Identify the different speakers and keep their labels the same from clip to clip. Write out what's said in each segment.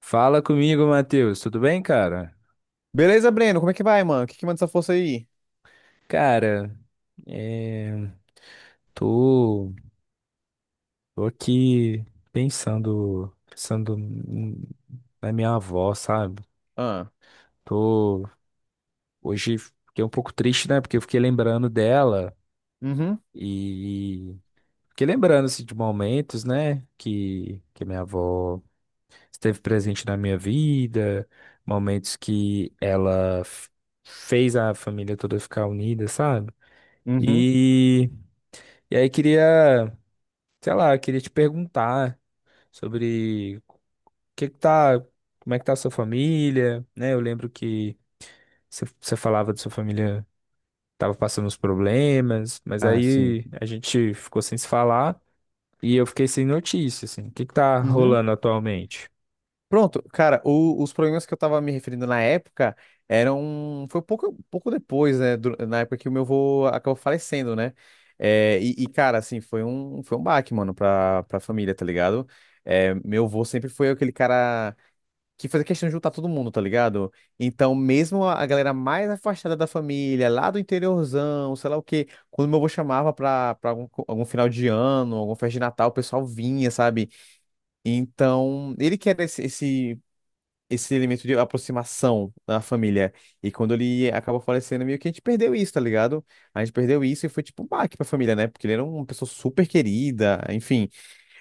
Speaker 1: Fala comigo, Matheus. Tudo bem, cara?
Speaker 2: Beleza, Breno? Como é que vai, mano? O que que manda essa força aí?
Speaker 1: Cara, é, tô, tô aqui pensando, pensando n- na minha avó, sabe?
Speaker 2: Ah,
Speaker 1: Tô Hoje fiquei um pouco triste, né? Porque eu fiquei lembrando dela
Speaker 2: uhum,
Speaker 1: e fiquei lembrando assim, de momentos, né? Que minha avó esteve presente na minha vida, momentos que fez a família toda ficar unida, sabe?
Speaker 2: uhum.
Speaker 1: E E aí sei lá, queria te perguntar sobre o que que tá, como é que tá a sua família, né? Eu lembro que você falava de sua família, tava passando uns problemas, mas
Speaker 2: Ah, sim.
Speaker 1: aí a gente ficou sem se falar e eu fiquei sem notícia, assim. O que que tá
Speaker 2: Uhum.
Speaker 1: rolando atualmente?
Speaker 2: Pronto, cara, os problemas que eu tava me referindo na época eram. Foi pouco depois, né? Na época que o meu avô acabou falecendo, né? É, cara, assim, foi um baque, mano, pra família, tá ligado? É, meu avô sempre foi aquele cara que fazia questão de juntar todo mundo, tá ligado? Então, mesmo a galera mais afastada da família, lá do interiorzão, sei lá o quê, quando meu avô chamava pra algum, algum final de ano, alguma festa de Natal, o pessoal vinha, sabe? Então, ele quer esse elemento de aproximação da família. E quando ele acabou falecendo, meio que a gente perdeu isso, tá ligado? A gente perdeu isso e foi tipo um baque pra família, né? Porque ele era uma pessoa super querida, enfim.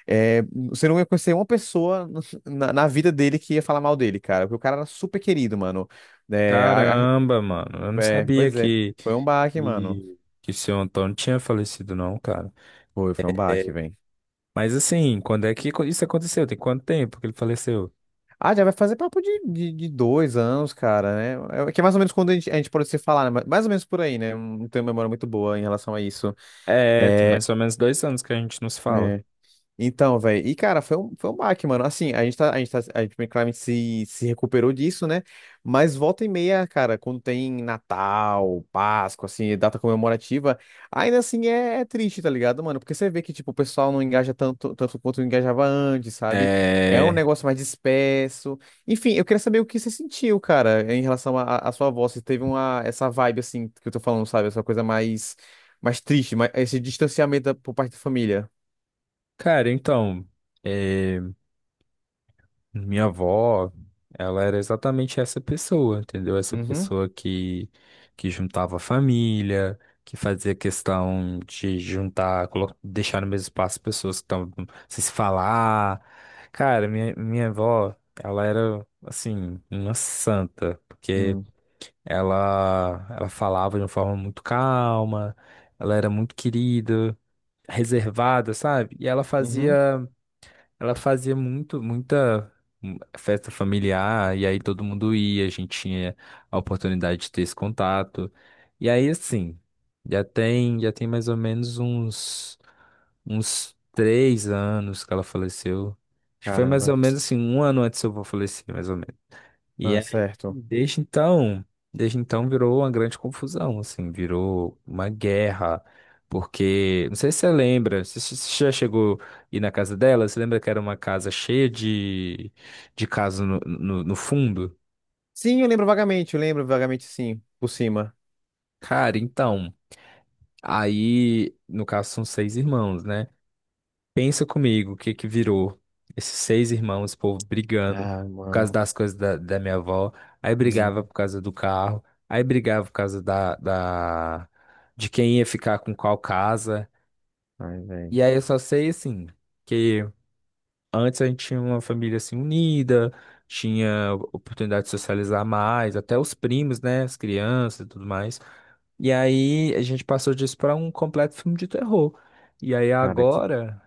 Speaker 2: É, você não ia conhecer uma pessoa na vida dele que ia falar mal dele, cara. Porque o cara era super querido, mano. É,
Speaker 1: Caramba, mano, eu não
Speaker 2: é,
Speaker 1: sabia
Speaker 2: pois é, foi um baque, mano.
Speaker 1: que o seu Antônio tinha falecido, não, cara.
Speaker 2: Foi um baque, velho.
Speaker 1: Mas assim, quando é que isso aconteceu? Tem quanto tempo que ele faleceu?
Speaker 2: Ah, já vai fazer papo de dois anos, cara, né? É, que é mais ou menos quando a gente pode se falar, né? Mais ou menos por aí, né? Não tenho memória muito boa em relação a isso.
Speaker 1: É, tem
Speaker 2: É,
Speaker 1: mais ou menos dois anos que a gente nos fala.
Speaker 2: É. Então, velho, e cara, foi um baque, mano. Assim, a gente claramente se recuperou disso, né? Mas volta e meia, cara, quando tem Natal, Páscoa, assim, data comemorativa, ainda assim é triste, tá ligado, mano? Porque você vê que, tipo, o pessoal não engaja tanto quanto engajava antes, sabe? É um
Speaker 1: É,
Speaker 2: negócio mais disperso. Enfim, eu queria saber o que você sentiu, cara, em relação sua voz. Se teve uma, essa vibe, assim, que eu tô falando, sabe? Essa coisa mais triste, mais, esse distanciamento por parte da família.
Speaker 1: cara, então, é, minha avó, ela era exatamente essa pessoa, entendeu? Essa
Speaker 2: Uhum.
Speaker 1: pessoa que juntava a família, que fazia questão de juntar, deixar no mesmo espaço pessoas que estavam sem se falar. Cara, minha avó, ela era, assim, uma santa. Porque
Speaker 2: Hum.
Speaker 1: Ela falava de uma forma muito calma, ela era muito querida, reservada, sabe? E
Speaker 2: Uhum.
Speaker 1: ela fazia muita festa familiar, e aí todo mundo ia, a gente tinha a oportunidade de ter esse contato. E aí, assim, já tem mais ou menos uns três anos que ela faleceu. Acho que foi mais
Speaker 2: Caramba.
Speaker 1: ou menos assim, um ano antes eu vou falecer, mais ou menos. E
Speaker 2: Ah,
Speaker 1: aí,
Speaker 2: certo.
Speaker 1: desde então virou uma grande confusão, assim, virou uma guerra, porque, não sei se você lembra, se já chegou a ir na casa dela, você lembra que era uma casa cheia de casa no fundo?
Speaker 2: Sim, eu lembro vagamente, sim, por cima.
Speaker 1: Cara, então, aí, no caso são seis irmãos, né? Pensa comigo, o que que virou? Esses seis irmãos, esse povo brigando
Speaker 2: Ah,
Speaker 1: por causa
Speaker 2: mano.
Speaker 1: das coisas da minha avó, aí brigava
Speaker 2: Hum.
Speaker 1: por causa do carro, aí brigava por causa de quem ia ficar com qual casa.
Speaker 2: Ai, velho.
Speaker 1: E aí eu só sei, assim, que antes a gente tinha uma família, assim, unida, tinha oportunidade de socializar mais, até os primos, né, as crianças e tudo mais. E aí a gente passou disso para um completo filme de terror. E aí
Speaker 2: Cara, que...
Speaker 1: agora.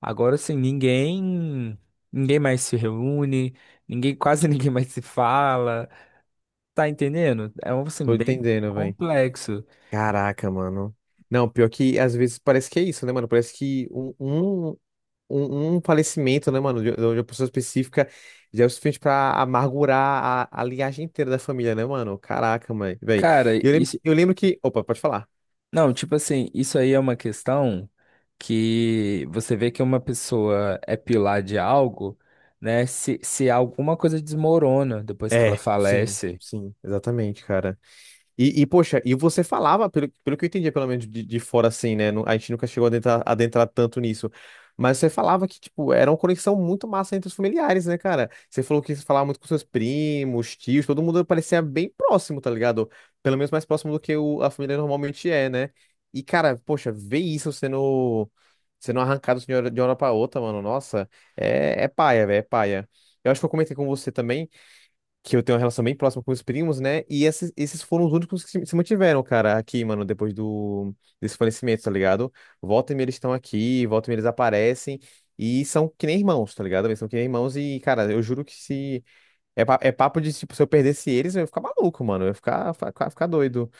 Speaker 1: Agora sim, ninguém mais se reúne, ninguém, quase ninguém mais se fala. Tá entendendo? É um assim
Speaker 2: tô
Speaker 1: bem
Speaker 2: entendendo, velho.
Speaker 1: complexo.
Speaker 2: Caraca, mano. Não, pior que às vezes parece que é isso, né, mano? Parece que um falecimento, né, mano, de uma pessoa específica já é o suficiente pra amargurar a linhagem inteira da família, né, mano? Caraca, mãe, velho.
Speaker 1: Cara, isso,
Speaker 2: Eu lembro que. Opa, pode falar.
Speaker 1: não, tipo assim, isso aí é uma questão que você vê que uma pessoa é pilar de algo, né? Se alguma coisa desmorona depois que ela
Speaker 2: É, sim,
Speaker 1: falece,
Speaker 2: sim, exatamente, cara. Poxa, e você falava, pelo que eu entendia, pelo menos de fora assim, né? A gente nunca chegou a adentrar tanto nisso. Mas você falava que, tipo, era uma conexão muito massa entre os familiares, né, cara? Você falou que você falava muito com seus primos, tios, todo mundo parecia bem próximo, tá ligado? Pelo menos mais próximo do que a família normalmente é, né? E, cara, poxa, ver isso sendo arrancado de uma hora pra outra, mano, nossa, é paia, velho, é paia. Eu acho que eu comentei com você também que eu tenho uma relação bem próxima com os primos, né? E esses foram os únicos que se mantiveram, cara, aqui, mano, depois do desse falecimento, tá ligado? Volta e meia eles estão aqui, volta e meia eles aparecem e são que nem irmãos, tá ligado? Eles são que nem irmãos e, cara, eu juro que se é, é papo de tipo, se eu perdesse eles, eu ia ficar maluco, mano, eu ia ficar doido.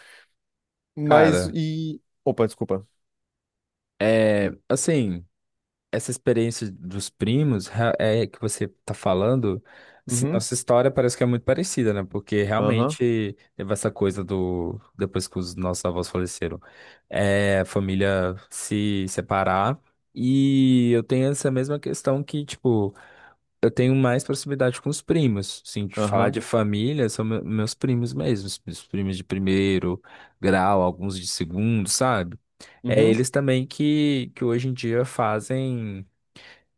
Speaker 2: Mas
Speaker 1: cara,
Speaker 2: e opa, desculpa.
Speaker 1: é assim. Essa experiência dos primos é que você tá falando, assim,
Speaker 2: Uhum.
Speaker 1: nossa história parece que é muito parecida, né? Porque
Speaker 2: Aham.
Speaker 1: realmente teve essa coisa do depois que os nossos avós faleceram, é, a família se separar. E eu tenho essa mesma questão que, tipo, eu tenho mais proximidade com os primos. Assim, de falar
Speaker 2: Aham.
Speaker 1: de família, são meus primos mesmos, os primos de primeiro grau, alguns de segundo, sabe? É
Speaker 2: Uhum.
Speaker 1: eles também que hoje em dia fazem.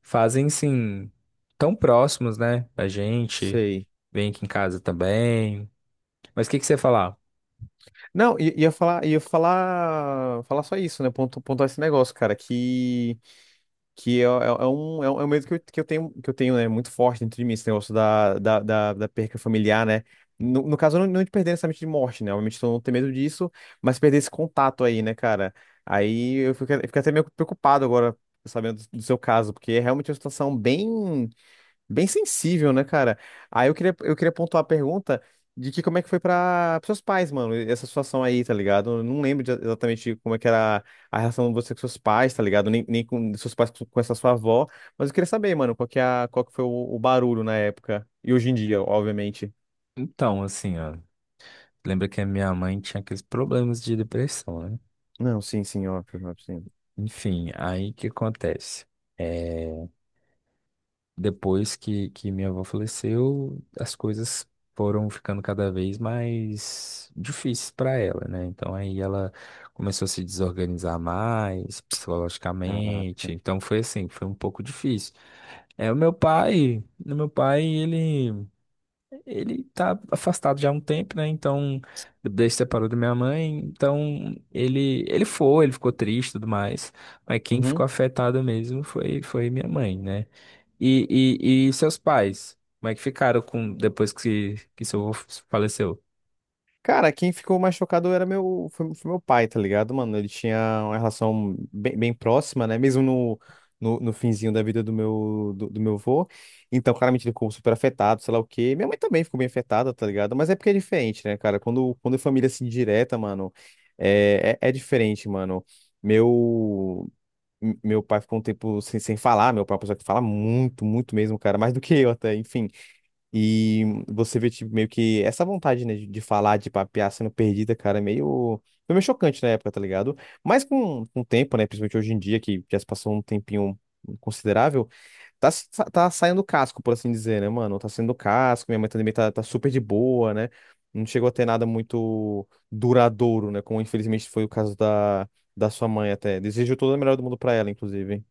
Speaker 1: Fazem, sim, tão próximos, né, da gente.
Speaker 2: Sei.
Speaker 1: Vem aqui em casa também. Mas o que que você ia falar?
Speaker 2: Não, falar só isso, né? Pontuar esse negócio, cara, que é um, é um medo que eu tenho, né, muito forte dentro de mim, esse negócio da perca familiar, né? No caso, não de perder necessariamente de morte, né? Obviamente, eu não tenho medo disso, mas perder esse contato aí, né, cara? Aí eu fico até meio preocupado agora, sabendo do seu caso, porque é realmente uma situação bem. Bem sensível, né, cara? Aí eu queria pontuar a pergunta de que como é que foi para seus pais, mano, essa situação aí, tá ligado? Eu não lembro exatamente como é que era a relação de você com seus pais, tá ligado? Nem com seus pais com essa sua avó, mas eu queria saber, mano, qual que, é a, qual que foi o barulho na época e hoje em dia, obviamente.
Speaker 1: Então, assim, ó, lembra que a minha mãe tinha aqueles problemas de depressão, né?
Speaker 2: Não, sim, sim, óbvio, óbvio, sim.
Speaker 1: Enfim, aí o que acontece? É, depois que minha avó faleceu, as coisas foram ficando cada vez mais difíceis para ela, né? Então aí ela começou a se desorganizar mais
Speaker 2: Caraca.
Speaker 1: psicologicamente. Então foi assim, foi um pouco difícil. É, o meu pai, ele tá afastado já há um tempo, né? Então, desde que separou da minha mãe, então ele ficou triste e tudo mais, mas quem ficou afetada mesmo foi, foi minha mãe, né? E, e seus pais, como é que ficaram com depois que seu avô faleceu?
Speaker 2: Cara, quem ficou mais chocado era foi meu pai, tá ligado, mano? Ele tinha uma relação bem próxima, né? Mesmo no finzinho da vida do meu avô. Então, claramente, ele ficou super afetado, sei lá o quê. Minha mãe também ficou bem afetada, tá ligado? Mas é porque é diferente, né, cara? Quando é família assim direta, mano, é diferente, mano. Meu, meu pai ficou um tempo sem falar, meu pai é uma pessoa que fala muito, muito mesmo, cara, mais do que eu até, enfim. E você vê, tipo, meio que essa vontade, né, de falar, de papear sendo perdida, cara, é meio. Foi meio chocante na época, tá ligado? Mas com o tempo, né, principalmente hoje em dia, que já se passou um tempinho considerável, tá, se- tá saindo casco, por assim dizer, né, mano? Tá saindo casco, minha mãe também tá super de boa, né? Não chegou a ter nada muito duradouro, né, como infelizmente foi o caso da sua mãe até. Desejo toda a melhor do mundo pra ela, inclusive.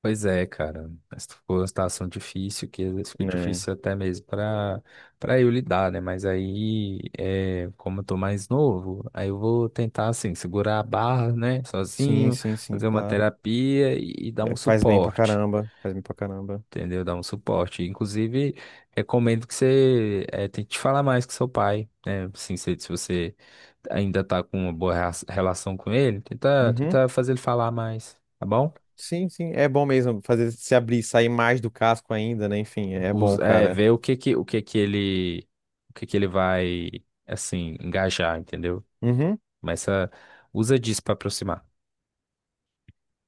Speaker 1: Pois é, cara. Essa foi uma situação difícil, que às vezes fica
Speaker 2: É.
Speaker 1: difícil até mesmo para eu lidar, né? Mas aí, é, como eu tô mais novo, aí eu vou tentar, assim, segurar a barra, né?
Speaker 2: Sim,
Speaker 1: Sozinho,
Speaker 2: sim, sim,
Speaker 1: fazer uma
Speaker 2: claro.
Speaker 1: terapia e dar
Speaker 2: É,
Speaker 1: um
Speaker 2: faz bem pra
Speaker 1: suporte,
Speaker 2: caramba, faz bem pra caramba.
Speaker 1: entendeu? Dar um suporte. Inclusive, recomendo que você é, tente falar mais com seu pai, né? Assim, se você ainda tá com uma boa relação com ele,
Speaker 2: Uhum.
Speaker 1: tenta fazer ele falar mais, tá bom?
Speaker 2: Sim, sim, é bom mesmo fazer se abrir, sair mais do casco ainda, né? Enfim, é bom,
Speaker 1: É,
Speaker 2: cara.
Speaker 1: ver o que que ele vai, assim, engajar, entendeu?
Speaker 2: Uhum.
Speaker 1: Mas ah, usa disso pra aproximar,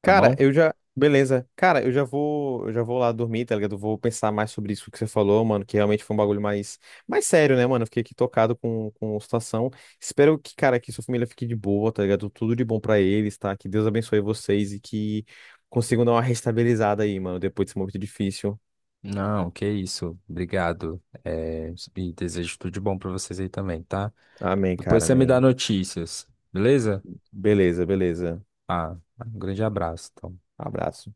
Speaker 1: tá
Speaker 2: Cara,
Speaker 1: bom?
Speaker 2: eu já. Beleza. Cara, eu já vou lá dormir, tá ligado? Vou pensar mais sobre isso que você falou, mano, que realmente foi um bagulho mais, mais sério, né, mano? Eu fiquei aqui tocado com a situação. Espero que, cara, que sua família fique de boa, tá ligado? Tudo de bom pra eles, tá? Que Deus abençoe vocês e que consigam dar uma restabilizada aí, mano, depois desse momento difícil.
Speaker 1: Não, que isso. Obrigado. É, e desejo tudo de bom pra vocês aí também, tá?
Speaker 2: Amém,
Speaker 1: Depois
Speaker 2: cara,
Speaker 1: você me dá
Speaker 2: amém.
Speaker 1: notícias, beleza?
Speaker 2: Beleza, beleza.
Speaker 1: Ah, um grande abraço. Então.
Speaker 2: Abraço.